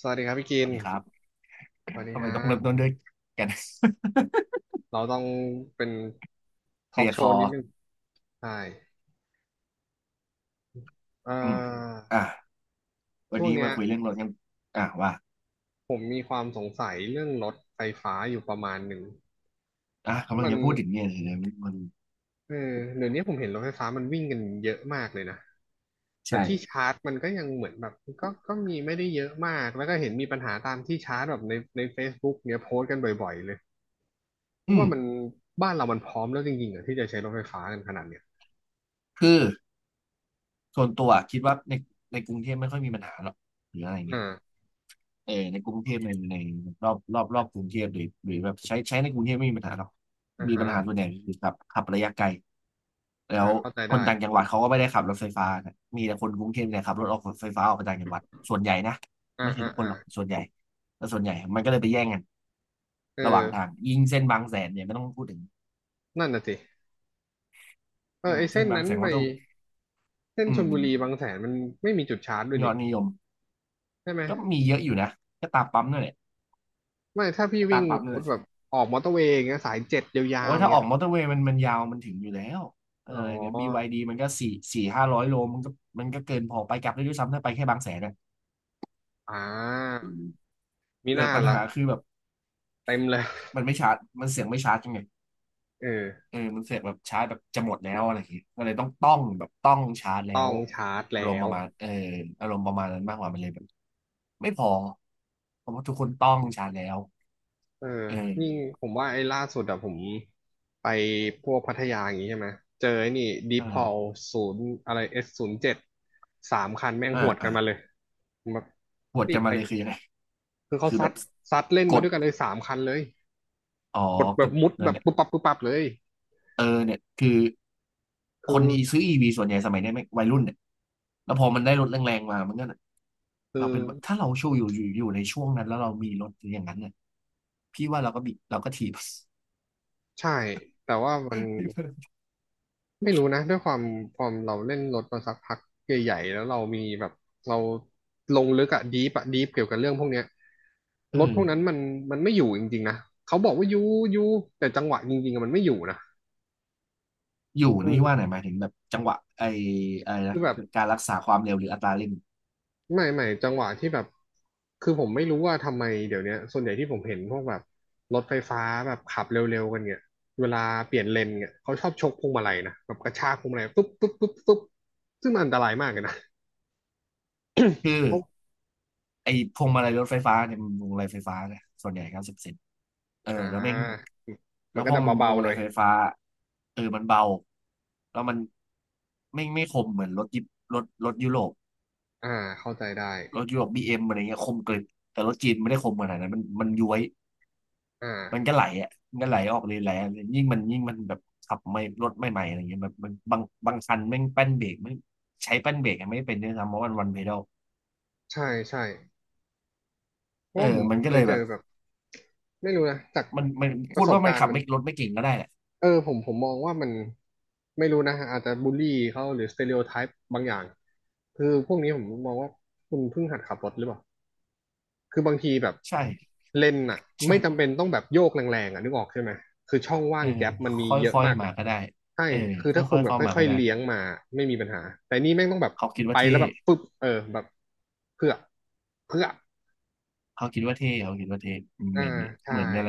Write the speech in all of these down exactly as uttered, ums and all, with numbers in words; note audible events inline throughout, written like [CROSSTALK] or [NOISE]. สวัสดีครับพี่สกินวัสดีครับสวัสดีทำไมฮะต้องเริ่มต้นด้วยกัน [LAUGHS] เราต้องเป็นทเคอลีล์กยร์โชคอว์นิดนึงใช่เอ่อืมออ่ะวันช่วงนี้เนี้มายคุยเรื่องรถกันอ่ะว่าผมมีความสงสัยเรื่องรถไฟฟ้าอยู่ประมาณหนึ่งอ่ะเพกำราะลังมันจะพูดถึงเนี่ยเลยนะมันเออเดี๋ยวนี้ผมเห็นรถไฟฟ้ามันวิ่งกันเยอะมากเลยนะแต่ใช่ที่ชาร์จมันก็ยังเหมือนแบบก็ก็มีไม่ได้เยอะมากแล้วก็เห็นมีปัญหาตามที่ชาร์จแบบในใน Facebook เนี้ยโพสต์กันบ่อยๆเลยคิอืดมว่ามันบ้านเรามันพร้อมแล้วจริงๆเหรอที่จะใช้รถไฟฟ้ากันขนาดเนี้ยคือส่วนตัวคิดว่าในในกรุงเทพไม่ค่อยมีปัญหาหรอกหรืออะไรเงี้ย อ่าเออในกรุงเทพในในรอบรอบรอบกรุงเทพหรือหรือแบบใช้ใช้ในกรุงเทพไม่มีปัญหาหรอกอ่ามีฮะ ปัญหาส่วนใหญ่คือขับขับระยะไกลแล้อ่าวเข้าใจคได้นต่างจังหวัดเขาก็ไม่ได้ขับรถไฟฟ้านะมีแต่คนกรุงเทพเนี่ยขับรถออกรถไฟฟ้าออกไปต่างจังหวัดส่วนใหญ่นะอ่าไม่ใช่อ่าทุกคนอ่าหรอกส่วนใหญ่แต่ส่วนใหญ่มันก็เลยไปแย่งกันเระหว่างทางออยิ่งเส้นบางแสนเนี่ยไม่ต้องพูดถึงนั่นน่ะสิเอออืมไอเส้เส้นนบางนั้นแสนไปก็ต้องเส้นอืชมลบุรีบางแสนมันไม่มีจุดชาร์จด้วยยอนี่ดนิยมใช่ไหมก็มีเยอะอยู่นะก็ตามปั๊มนั่นแหละไม่ถ้าพี่ก็ตาวิ่มงปั๊มสมนั่นมแหติแบบละ ออกมอเตอร์เวย์อย่างเงี้ยสายเจ็ดยาโอ้วยๆอย่างถ้าอเงี้อยกมอเตอร์เวย์มันมันยาวมันถึงอยู่แล้วเอออ๋อเนี่ย บี วาย ดี มันก็สี่สี่ห้าร้อยโลมันก็มันก็เกินพอไปกลับได้ด้วยซ้ำถ้าไปแค่บางแสนนะอ่ามีเอหอน้าปัญล่ะหาคือแบบเต็มเลยมันไม่ชาร์จมันเสียงไม่ชาร์จยังไงเออเออมันเสียงแบบชาร์จแบบจะหมดแล้วอะไรอย่างเงี้ยก็เลยต้องต้องแบบต้องชาร์จแล้ต้อวงชาร์จอารแล้มณ์ปวระมาณเอออารมณ์ประมาณนั้นมากกว่ามันเลยแบบไม่พอเพราะว่าทุกคนต้องชาร์จแล้วเออเอนี่อผมว่าไอ้ล่าสุดอะผมไปพวกพัทยาอย่างงี้ใช่ไหมเจอไอ้นี่ดีพอลอ่าศูนย์อะไรเอสศูนย์เจ็ดสามคันแม่งอ่าหวดกัอ่านมาเลยผมแบบปวดรีกับนมาไป เลยคือยังไงคือเขาคือแบซัดบซัดเล่นกมาดด้วยกันเลยสามคันเลยอ๋อกดแบก็บมุดนั่แบนบแหละ ปุ๊บปับปุ๊บปับเลยเออเนี่ยคือคคือนอีซื้ออีวีส่วนใหญ่สมัยเนี้ยไม่วัยรุ่นเนี่ยแล้วพอมันได้รถแรงๆมามันก็เนี่ยคือ เราเป็นแบบถ้าเราช่วงอยู่อยู่อยู่ในช่วงนั้นแล้วเรามีรถอย่างนั้นเนี่ยพี่ว่าเราก็บีเราก็ถีบ ใช่ แต่ว่ามัน [LAUGHS] ไม่รู้นะด้วยความความเราเล่นรถมาสักพักใหญ่ๆแล้วเรามีแบบเราลงลึกอะดีปอะดีปเกี่ยวกับเรื่องพวกเนี้ยเอรถพอวกนั้นมันมันไม่อยู่จริงๆนะเขาบอกว่าอยู่อยู่แต่จังหวะจริงๆอะมันไม่อยู่นะอยู่คืนี่ว่าไหอนหมายถึงแบบจังหวะไอไอคืนะอแบบ การรักษาความเร็วหรืออัตราเร่งไม่ไม่จังหวะที่แบบคือผมไม่รู้ว่าทำไมเดี๋ยวเนี้ยส่วนใหญ่ที่ผมเห็นพวกแบบรถไฟฟ้าแบบขับเร็วๆกันเนี่ยเวลาเปลี่ยนเลนเนี่ยเขาชอบชกพวงมาลัยนะแบบกระชากพวงมาลัยปุ๊บปุ๊บปุ๊บปุ๊บซึ่งมันอันตรายมากเลยนะคือ เขาไอ้พวงมาลัยรถไฟฟ้าเนี่ยมันพวงมาลัยไฟฟ้าเนี่ยส่วนใหญ่เก้าสิบเซนเอออ่แล้วแม่งาแล้มันวก็พอจะมันเป็นพเบาวงๆมาหน่ลัอยยไฟฟ้าเออมันเบาแล้วมันไม่ไม่คมเหมือนรถยิปรถรถยุโรปอ่าเข้าใจได้รถยุโรปบีเอ็มอะไรเงี้ยคมกริบแต่รถจีนไม่ได้คมขนาดนั้นมันมันย้วยอ่มันก็าไหลอ่ะมันก็ไหลออกเลยแหละยิ่งมันยิ่งมันแบบขับไม่รถไม่ใหม่อะไรเงี้ยแบบมันบางบางคันแม่งแป้นเบรกไม่ใช้แป้นเบรกอะไม่เป็นด้วยซ้ำเพราะมันวันเพดลใช่ใช่เพเอราะอว่าผมมันก็เคเลยยเจแบอบแบบไม่รู้นะจากมันมันปพูระดสบว่ามันการขัณ์บมัน ไม่รถไม่เก่งก็ได้แหละ เออผมผมมองว่ามันไม่รู้นะฮะอาจจะบูลลี่เขาหรือสเต r e o โอไทป์บางอย่างคือพวกนี้ผมมองว่าคุณเพิ่งหัดขับรถหรือเปล่าคือบางทีแบบใช่เลนน่ะใช่ไม่จำเป็นต้องแบบโยกแรงๆอ่ะนึกออกใช่ไหมคือช่องว่าเองอแก๊ปมันมีคเยอะ่อยมากๆเลมายก็ได้ใช่เออคือถ้าคุค่ณอยๆแบบเข้ามาค่อก็ยๆได้เลี้ยงมาไม่มีปัญหาแต่นี่แม่งต้องแบบเขาคิดไปว่าแล้เท่วแบบปึ๊บเออแบบเพื่อเพื่อเขาคิดว่าเท่เขาคิดว่าเท่อ่าเหมือนใช่เหมือนอะไร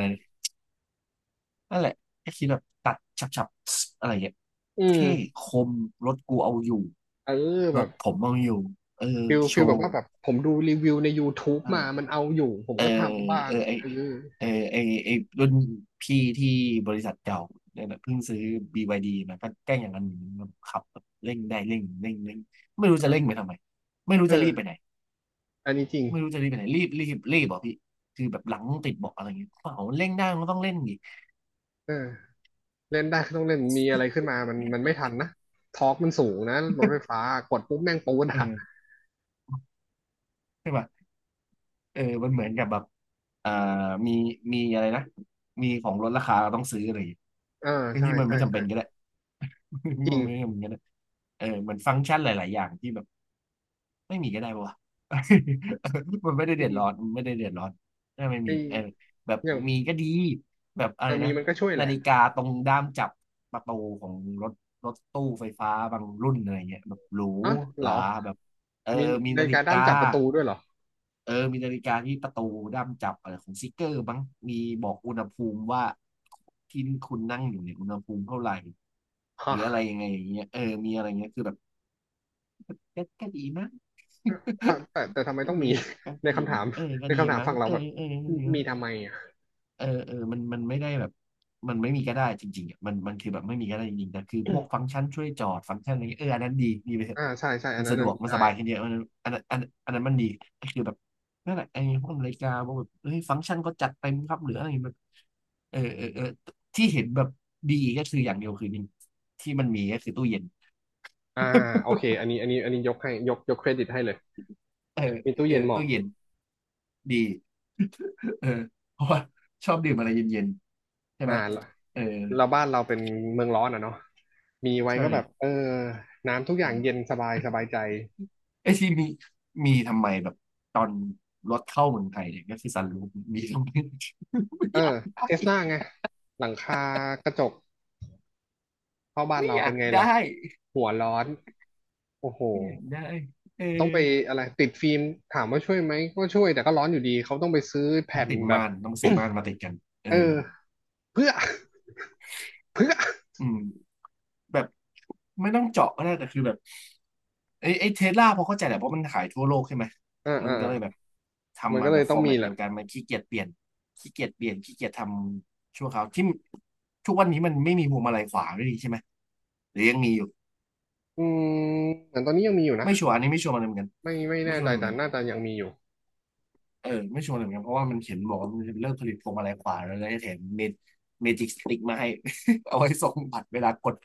นั่นแหละแค่คิดแบบตัดฉับๆอะไรอย่างเงี้ยอืมเท่คมรถกูเอาอยู่เออรแบถบ ผมเอาอยู่เออฟิลโชฟิลแบบว์ว่าแบบผมดูรีวิวใน YouTube มามัเออนเอาอยู่ผมเออก็ทำบ้าเองอไอเออเออไอไอรุ่นพี่ที่บริษัทเก่าเนี่ยนะเพิ่งซื้อ บี วาย ดี มาก็แกล้งอย่างนั้นขับแบบเร่งได้เร่งเร่งเร่งไม่รู้จะเร่งไปทำไมไม่รู้เอจะรีอบไปไหน อันนี้จริงไม่รู้จะรีบไปไหนรีบรีบรีบบอกอพี่คือแบบหลังติดเบอกอะไรอย่างเงี้ยเปล่าเร่งได้มันก็ต้องเล่งดิเออเล่นได้ก็ต้องเล่นมีอะไรขึ้นมามันมันไม่ทันนะทอร์กมันสูงนะรถไฟฟ้ากดปุ๊บแม่งปูดเออ่ะอใช่ป่ะเออมันเหมือนกับแบบอ่ามีมีอะไรนะมีของลดราคาเราต้องซื้ออะไรอย่างเงี้ยเออคือใช่ที่มันใช่ไม่จำใช่เป็นก็ได้ [LAUGHS] ที่จริมังนไม่จำเป็นก็ได้เออเหมือนฟังก์ชันหลายๆอย่างที่แบบ ไม่มีก็ได้ปะวะ [LAUGHS] มันไม่ได้จเดือดริงร้อนมันไม่ได้เดือดร้อนถ้าไม่ไอ้มีเออแบบอย่างมีก็ดีแบบอะอ่ไรมีนะมันก็ช่วยแหนาละฬิกาตรงด้ามจับประตูของรถรถตู้ไฟฟ้าบางรุ่นอะไรเงี้ยแบบหรูอ๋อหเหรอราแบบเออมีมีในานาฬิฬิการด้ากามจับประตูด้วยเหรอเออมีนาฬิกาที่ประตูด้ามจับอะไรของซิกเกอร์บ้างมีบอกอุณหภูมิว่าที่คุณนั่งอยู่เนี่ยอุณหภูมิเท่าไหร่หฮะรืออะไรยังไงอย่างเงี้ยเออมีอะไรเงี้ยคือแบบก็ก็ดีนะ ถ้าแต่แต่ทำไมก็ต้องดีมี ก็ [LAUGHS] ในก็ดีคำถามั้มงเออก็ในดีคำถามมั้งฝั่งเราเออแบบเออก็ดีมั้มีงทำไมอ่ะเออเออมันมันไม่ได้แบบมันไม่มีก็ได้จริงๆอ่ะมันมันคือแบบไม่มีก็ได้จริงๆแต่คือพวกฟังก์ชันช่วยจอดฟังก์ชันอะไรเงี้ยเอออันนั้นดีดีไปเถอะอ่าใช่ใช่อัมันนนั้นสะดน่ะวกมีมันได้ สบายขึ้นเยอะอันนั้นอันนั้นอันอันนั้นมันดี ก็คือแบบนั่นแหละไอ้พวกนาฬิกาพวกแบบเฮ้ยฟังก์ชันก็จัดเต็มครับหรืออะไรแบบเออเออเออที่เห็นแบบดีก็คืออย่างเดียวคือนี่ที่มันมีก็คือตู้เย็นอ่าโอเคอันนี้อันนี้อันนี้ยกให้ยกยกเครดิตให้เลยเออมีเออตู้เออเย็นเหมาะตู้เย็นดี เออเพราะว่าชอบดื่มอะไรเย็นๆใช่อ่าไหมเออเราบ้านเราเป็นเมืองร้อนอ่ะเนาะมีไว้ใช่ก็แบบเออน้ำทุกออืย่างเย็นมสบายสบายใจไอที่มีมีทำไมแบบตอนรถเข้าเมืองไทยเนี่ยก็คือซันรูฟมีทำไม [LAUGHS] ไม่เอออยากได้เทสลาไงหลังคากระจกเข้าบ้านไม่เราอเป็ยานกไงได้ล่ะหัวร้อนโอ้โหไม่อยากได้เออต้องไปอะไรติดฟิล์มถามว่าช่วยไหมก็ช่วยแต่ก็ร้อนอยู่ดีเขาต้องไปซื้อต้องแผ่นติดแบบ ม่านต้องซื้อม่านมาติดกัน [COUGHS] เอเอออเพื่อ [COUGHS] เพื่อ [COUGHS] อืม แบบไม่ต้องเจาะก็ได้แต่คือแบบไอ้ไอ้เทสลาพอเข้าใจแหละเพราะมันขายทั่วโลกใช่ไหมอ่ามันอ่าก็เลยแบบมันทำก็มาเลแบยบต้ฟองอร์มีแมตแหเดีละยวกันมันขี้เกียจเปลี่ยนขี้เกียจเปลี่ยนขี้เกียจทำชั่วคราวที่ทุกวันนี้มันไม่มีพวงมาลัยขวาไม่ดีใช่ไหมหรือยังมีอยู่อืมเหมือนตอนนี้ยังมีอยู่นะ ไม่ชัวร์อันนี้ไม่ชัวร์มันเหมือนกันไม่ไม่ไม่แน่ชัวใจร์เลยเหมือแต่นกันน่าจะยังมีอยู่เออไม่ชัวร์เลยเหมือนกันเพราะว่ามันเขียนบอกว่ามันจะเลิกผลิตพวงมาลัยขวาแล้วแล้วจะแถมเมจิกสติ๊กมาให้ [LAUGHS] เอาไว้ส่งบัตรเวลากด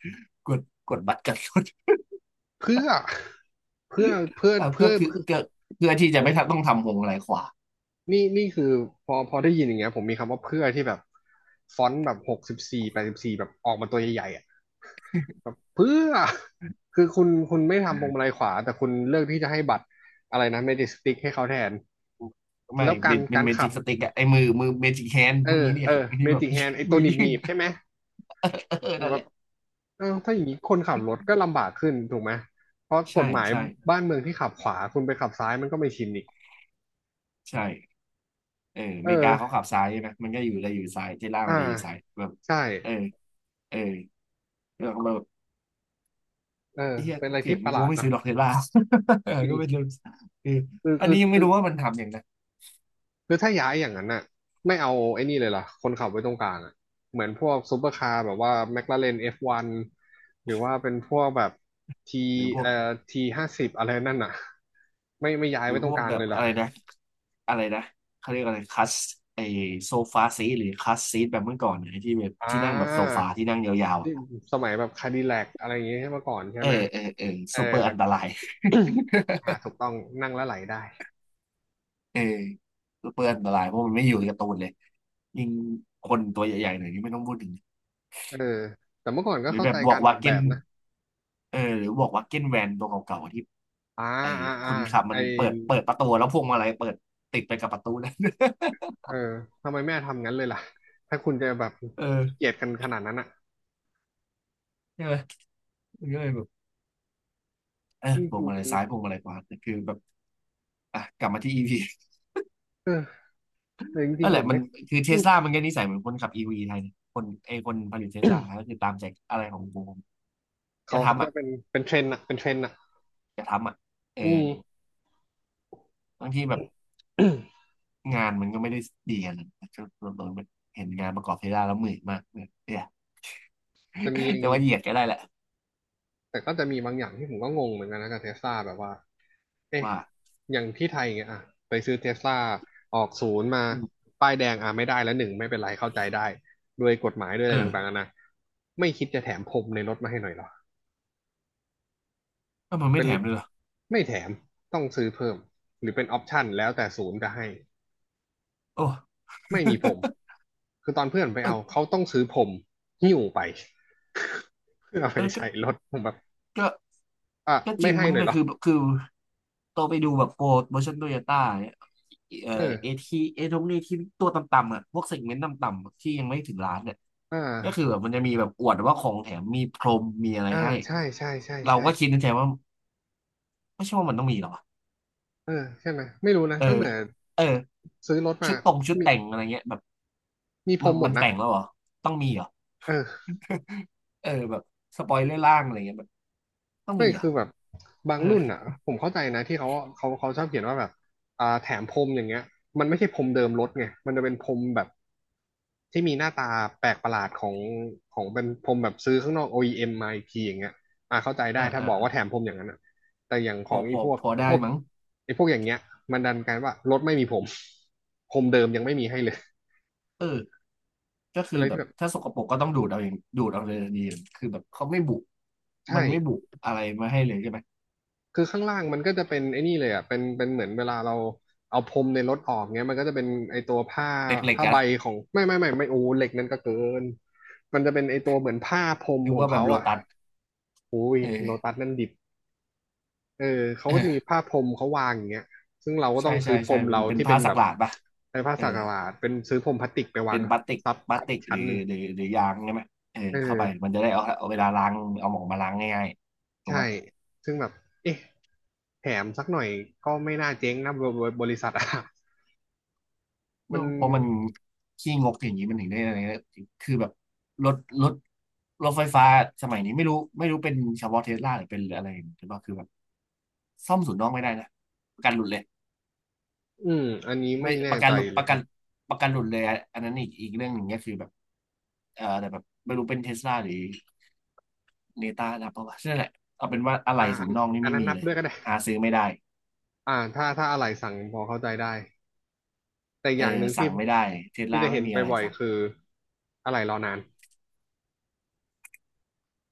กดกดบัตรกันรถ เพื่อเพื่อเพื่อเออก็เพื่อคือเพื่อก็เพื่อที่จะโอ้ไม่โหต้องทำวงอะไรขวานี่นี่คือพอพอได้ยินอย่างเงี้ยผมมีคำว่าเพื่อที่แบบฟอนต์แบบหกสิบสี่แปดสิบสี่แบบออกมาตัวใหญ่ๆอ่ะแบบเพื่อคือคุณคุณไม่ทำพวงมาอ่าลัยขวาแต่คุณเลือกที่จะให้บัตรอะไรนะเมจิกสติ๊กให้เขาแทนไม่แล้วกาเป็รนเป็นการเมขัจิกบสติกอะไอ้มือมือเมจิกแฮนด์เอพวกอนี้เนี่เอย อ [LAUGHS] เมที่แบบ จิกแฮนไอ [LAUGHS] ตัมืวอหยื่น นีบๆใช่ไหม [LAUGHS] เออนั่นแหละอ้าวถ้าอย่างนี้คนขับรถก็ลำบากขึ้นถูกไหม เพราะกใช่ฎหมายใช่บ้านเมืองที่ขับขวาคุณไปขับซ้ายมันก็ไม่ชินอีก ใช่เอออเเมริกาเขาออ ขับซ้ายใช่ไหมมันก็อยู่เลยอยู่ซ้ายเทสลาอ่า มันเลยอยู่ซ้ายแบบใช่เออเออแล้วก็แบบเออเฮียเป็นอะไรเกลีที่ยดประหกูลาดไม่นะซื้อหรอกเทสลา [LAUGHS] เออจริก็ง เป็นเรื่องคือคืออันคือนี้ยังไม่คือรู้ว่ามันทำอย่างนะคือถ้าย้ายอย่างนั้นน่ะไม่เอาไอ้นี่เลยล่ะคนขับไว้ตรงกลางอ่ะเหมือนพวกซูเปอร์คาร์แบบว่าแมคลาเรน เอฟ วัน หรือว่าเป็นพวกแบบทีหรือพวเอ่อกทีห้าสิบอะไรนั่นน่ะไม่ไม่ย้ายหรืไว้อตพรงวกกลางแบเลบยล่ะอะไรนะ อะไรนะเขาเรียกอะไรคัสไอโซฟาซีหรือคัสซีทแบบเมื่อก่อนนะไอ้ที่แบบอ่ที่นั่งแบบโซาฟาที่นั่งยาวๆที่อะสมัยแบบคาดิแลกอะไรอย่างเงี้ยเมื่อก่อนใช่เออไหม เออเออเออซูเปอร์อันตรายอ่าถูกต้องนั่งแล้วไหลได้เออซูเปอร์อันตรายเพราะมันไม่อยู่ในการ์ตูนเลยยิ่งคนตัวใหญ่ๆหน่อยนี่ไม่ต้องพูดถึงเออแต่เมื่อก่อนก็หรือเข้าแบใจบบอกากรอวาอกแบเก้นบนะเออหรือบอกวาเก้นแวนตัวเก่าๆที่อ่าไอ้อ่าคอ่านขับไอมันเปิดเปิดประตูแล้วพวงมาลัยเปิดติดไปกับประตูนั้น เออทำไมแม่ทำงั้นเลยล่ะถ้าคุณจะแบบ [LAUGHS] เออขี้เกียจกันขนาดนั้นอ่ะใช่ไหมมันก็เลยแบบเออจริงพวงมาๆลัยมันซ้ายพวงมาลัยขวาแต่คือแบบอ่ะกลับมาที่อีพี เออแต่จรินั่งนแหๆผละมมันไม่คือเทอืสมลามันก็นิสัยเหมือนคนขับอีวีไทยเนี่ยคนไอคนผลิตเทสลาก็คือตามใจอะไรของกูอเขาย่าเขาทำจะอ่ะเป็นเป็นเทรนด์อ่ะเป็นเทรนด์อ่ะจย่าทำอ่ะเอออืม บางทีแบบ [CLEARS THROAT] งานมันก็ไม่ได้ดีกันนะก็โดนเห็นงานประกอบเทสลาแล้วเหนื่อยมากเนี่ยเนี่ย จะมีอย่า [LAUGHS] งแต่นี้ว่าเหยียดก็ได้แหละแต่ก็จะมีบางอย่างที่ผมก็งงเหมือนกันนะกับเทสลาแบบว่า เอ๊ะว่าอย่างที่ไทยเงี้ยอ่ะไปซื้อเทสลาออกศูนย์มาอืมป้ายแดงอ่ะไม่ได้แล้วหนึ่งไม่เป็นไรเข้าใจได้ด้วยกฎหมายด้วยอะเอไรอต่างๆนะไม่คิดจะแถมพรมในรถมาให้หน่อยเหรอก็มันไม่เป็นแถมเลยเหรอไม่แถม ต้องซื้อเพิ่ม หรือเป็นออปชั่นแล้วแต่ศูนย์จะให้ โอ้ไม่มีพรมคือตอนเพื่อนไปเอเอา อเขาต้องซื้อพรมหิ้วไป [LAUGHS] เพื่อเอาไปเออก็ใส่รถผมแบบก็อ่ะก็จไม่ริงให้มั้งหน่อยนะเหรอคือคือโตไปดูแบบโปร์ชั่นโตโยต้าเนี่ยเอ่อเอเออทีเอทงเอทีตัวต่ำๆอ่ะพวกเซกเมนต์ต่ำๆที่ยังไม่ถึงล้านเนี่ย อ่าก็คือแบบมันจะมีแบบอวดว่าของแถมมีพรมมีอะไรอ่าให้ใช่ใช่ใช่เราก็คิใช่ ดในใจว่าไม่ใช่ว่ามันต้องมีหรอเออใช่ไหมไม่รู้นะเอตั้งอแต่เออซื้อรถชุมาดตรงชุดมีแต่งอะไรเงี้ยแบบมีพรมันมหมมัดนนะแต่งแล้วเหรอต้องมีเหรอ เออ [LAUGHS] เออแบบสปอยเลอร์ล่างอะไรเงี้ยแบบต้องไม่มีเหรอคือแบบบาเองอรุ่นอ่ะผมเข้าใจนะที่เขาเขาเขาชอบเขียนว่าแบบอ่าแถมพรมอย่างเงี้ยมันไม่ใช่พรมเดิมรถไงมันจะเป็นพรมแบบที่มีหน้าตาแปลกประหลาดของของเป็นพรมแบบซื้อข้างนอก โอ อี เอ็ม มมาอีกทีอย่างเงี้ยอ่าเข้าใจได้อ่าถ้าอ่าบอกว่าแถมอ่าพรมอย่างนั้นอ่ะแต่อย่างขพอองพไอ้อพวกพอพได้วกมั้งไอ้พวกอย่างเงี้ยมันดันกันว่ารถไม่มีพรมพรมเดิมยังไม่มีให้เลยเออก็เป็คืนออะไรแบที่บแบบถ้าสกปรกก็ต้องดูดเอาเองดูดเอาเลยดีคือแบบเขาไม่บุใมันไม่บุช่ อะไรมาให้เลยใช่ไหมคือข้างล่างมันก็จะเป็นไอ้นี่เลยอ่ะเป็นเป็นเหมือนเวลาเราเอาพรมในรถออกเงี้ยมันก็จะเป็นไอ้ตัวผ้าเล็กผ้าๆใบอะหของไม่ไม่ไม่ไม่โอ้เหล็กนั่นก็เกินมันจะเป็นไอ้ตัวเหมือนผ้าพรมะนึกของว่าแบเขาบโลอ่ะตัสอุ้ยเอโลอตัสนั่นดิบเออเขาก็จะมีเออ ผ้าพรมเขาวางอย่างเงี้ยซึ่งเราก็ใช่ต้องซื้ใช่อพรใช่มเป็นเราเป็นที่เป็ผ้านสัแบกบหลาดป่ะไอ้ผ้าเออสักหลาดเป็นซื้อพรมพลาสติกไปวาเป็งนพลาสติกซับพลาทัสบติอีกกหชั้รืนอหนึ่งหรือหรือยางใช่ไหมเออเอเข้าไปอมันจะได้เอาเอาเวลาล้างเอาหมองมาล้างง่ายๆถูกไหมใช่ซึ่งแบบเอ๊ะแถมสักหน่อยก็ไม่น่าเจ๊งนะบริบริษัทอะ เอมัอนเพราะมันขี้งกอย่างนี้มันถึงได้อะไรนะคือแบบรถรถรถไฟฟ้าสมัยนี้ไม่รู้ไม่รู้เป็นเฉพาะเทสลาหรือเป็นอะไรหรือเปล่าคือแบบซ่อมศูนย์นอกไม่ได้นะประกันหลุดเลย อืมอันนี้ไม่ไม่ปแน่ระกัใจนหลุดเลปยระกันฮะประกันหลุดเลยอะอันนั้นอีกอีกเรื่องหนึ่งก็คือแบบเออแต่แบบไม่รู้เป็นเทสลาหรือเนต้านะเพราะว่านั่นแหละเอาเป็นว่าอะไรอ่าอัศูนนย์น้องนี่อันไม่นั้นมีนับเลยด้วยก็ได้หาซื้อไม่ได้อ่าถ้าถ้าอะไรสั่งพอเข้าใจได้ แต่อเออย่างหนึ่งที่สั่งไม่ได้เทสที่ลาจะเห็ไม่นมีไปอะไรบ่อยสั่งๆคือ อะไรรอนาน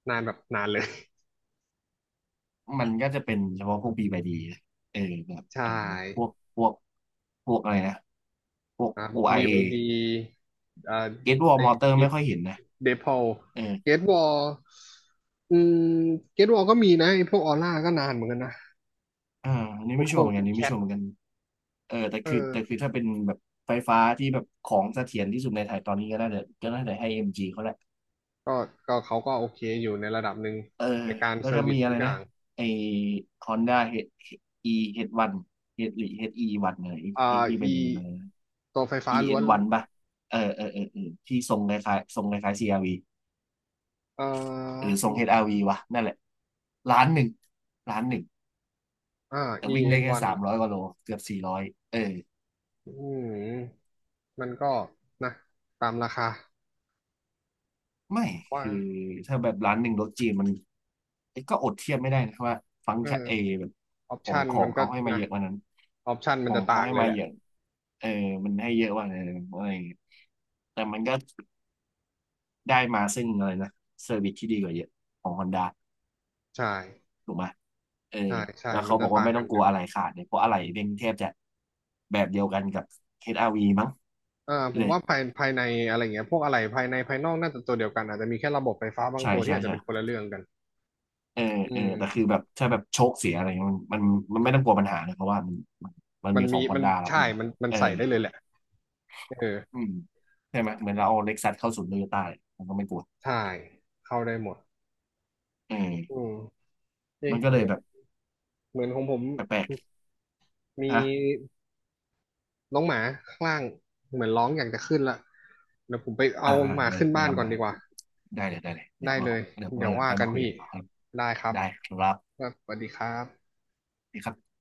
นานแบบนานเลย มันก็จะเป็นเฉพาะพวกบีบดีเออแบบ [LAUGHS] ใชอะไรนะพ่วกพวกพวกอะไรนะพวก ครับบี โอ ไอ เอ วายดีอ่าเก t วอลไอมอเตอร์ดิไม่ฟค่อยเห็นนะเดพอลเออ เกตวอลอืมเกตวอลก็มีนะไอพวกออร่าก็นานเหมือนกันนะอ่าอันนี้กูไม่ดคชัวร์งเหมือนกันกูอันดนี้แคไม่ทชัวร์เหมือนกันเออแต่เออคือแต่คือถ้าเป็นแบบไฟฟ้าที่แบบของเสถียรที่สุดในไทยตอนนี้ก็น่าจะก็น่าจะให้ เอ็ม จี เขาแหละก็ก็เขาก็โอเคอยู่ในระดับหนึ่งเออในการแล้เซวอก็ร์วิสมีอะทุไรกอนะย่าง ไอ Honda H- E เอช วัน H หรือเอชอีวัหนึ่งเนี่ยไอไออ่า ที่เป็น E อะไรนะ ตัวไฟฟ้าล้วน อี เอ็น วัน ป่ะเออเออเออเออที่ทรงคล้ายๆทรงคล้ายๆ c ว v เอ่หรืออทรง เอช อาร์ วี ววะนั่นแหละล้านหนึ่งล้านหนึ่งอ่า แต่วิ่งได้แค่ อี เอ็น วัน อนสาวัมร้อนยกว่าโลเกือบสี่ร้อยเออ อืมมันก็นะตามราคาไม่ว่าคือถ้าแบบร้านหนึ่งรสจีนมันเอ้ยก็อดเทียบไม่ได้นะครับว่าฟังก์เออชันเอแบบออปของชันขอมังนก็เขาให้มานะเยอะกว่านั้นออปชันขมันองจะเขาต่างให้เลยมาแหละเยอะเออมันให้เยอะกว่านั้นอะไรอย่างเงี้ยแต่มันก็ได้มาซึ่งอะไรนะเซอร์วิสที่ดีกว่าเยอะของฮอนด้าใช่ถูกไหมเออใช่ใช่แล้วมันเขาบจะอกว่าต่างไม่กัต้อนงอกลัยู่วอะไรขาดเนี่ยเพราะอะไรเป็นแทบจะแบบเดียวกันกับ เอช อาร์ วี มั้งอ่าผเลมยว่าภายภายในอะไรเงี้ยพวกอะไรภายในภายนอกน่าจะตัวเดียวกันอาจจะมีแค่ระบบไฟฟ้าบางใช่ตัวที่ใช่อาจจะใช่ เป็นคนละเรื่องกันเอออืเออแต่คือมแบบถ้าแบบโชคเสียอะไรเงี้ยมันมันมันไม่ต้องกลัวปัญหาเลยเพราะว่ามันมันมันมัมีนขมีองฮอมันนด้ารับใช่อยู่แล้วมันมันเออใส่ได้เลยแหละเอออืมใช่ไหมเหมือนเราเอาเล็กซัสเข้าศูนย์โตโยต้ายมันก็ไม่กลัวใช่เข้าได้หมดเอออืมเอ๊ะมันก็เลยเดี๋ยวแบบเหมือนของผม แปลกมีๆฮะน้องหมาข้างล่างเหมือนร้องอยากจะขึ้นละเดี๋ยวผมไปอ่าเอาอ่าหมาเวขึ้ลานเวบ้านลาก่อนมาดีกว่าได้เลยได้เลยเดี๋ได้ยวว่าเลยเดี๋ยวเดี๋วัยนวหลังว่าไปกัมานคุยพี่กันต่อครับได้ครับได้ครับครับสวัสดีครับนี่ครับ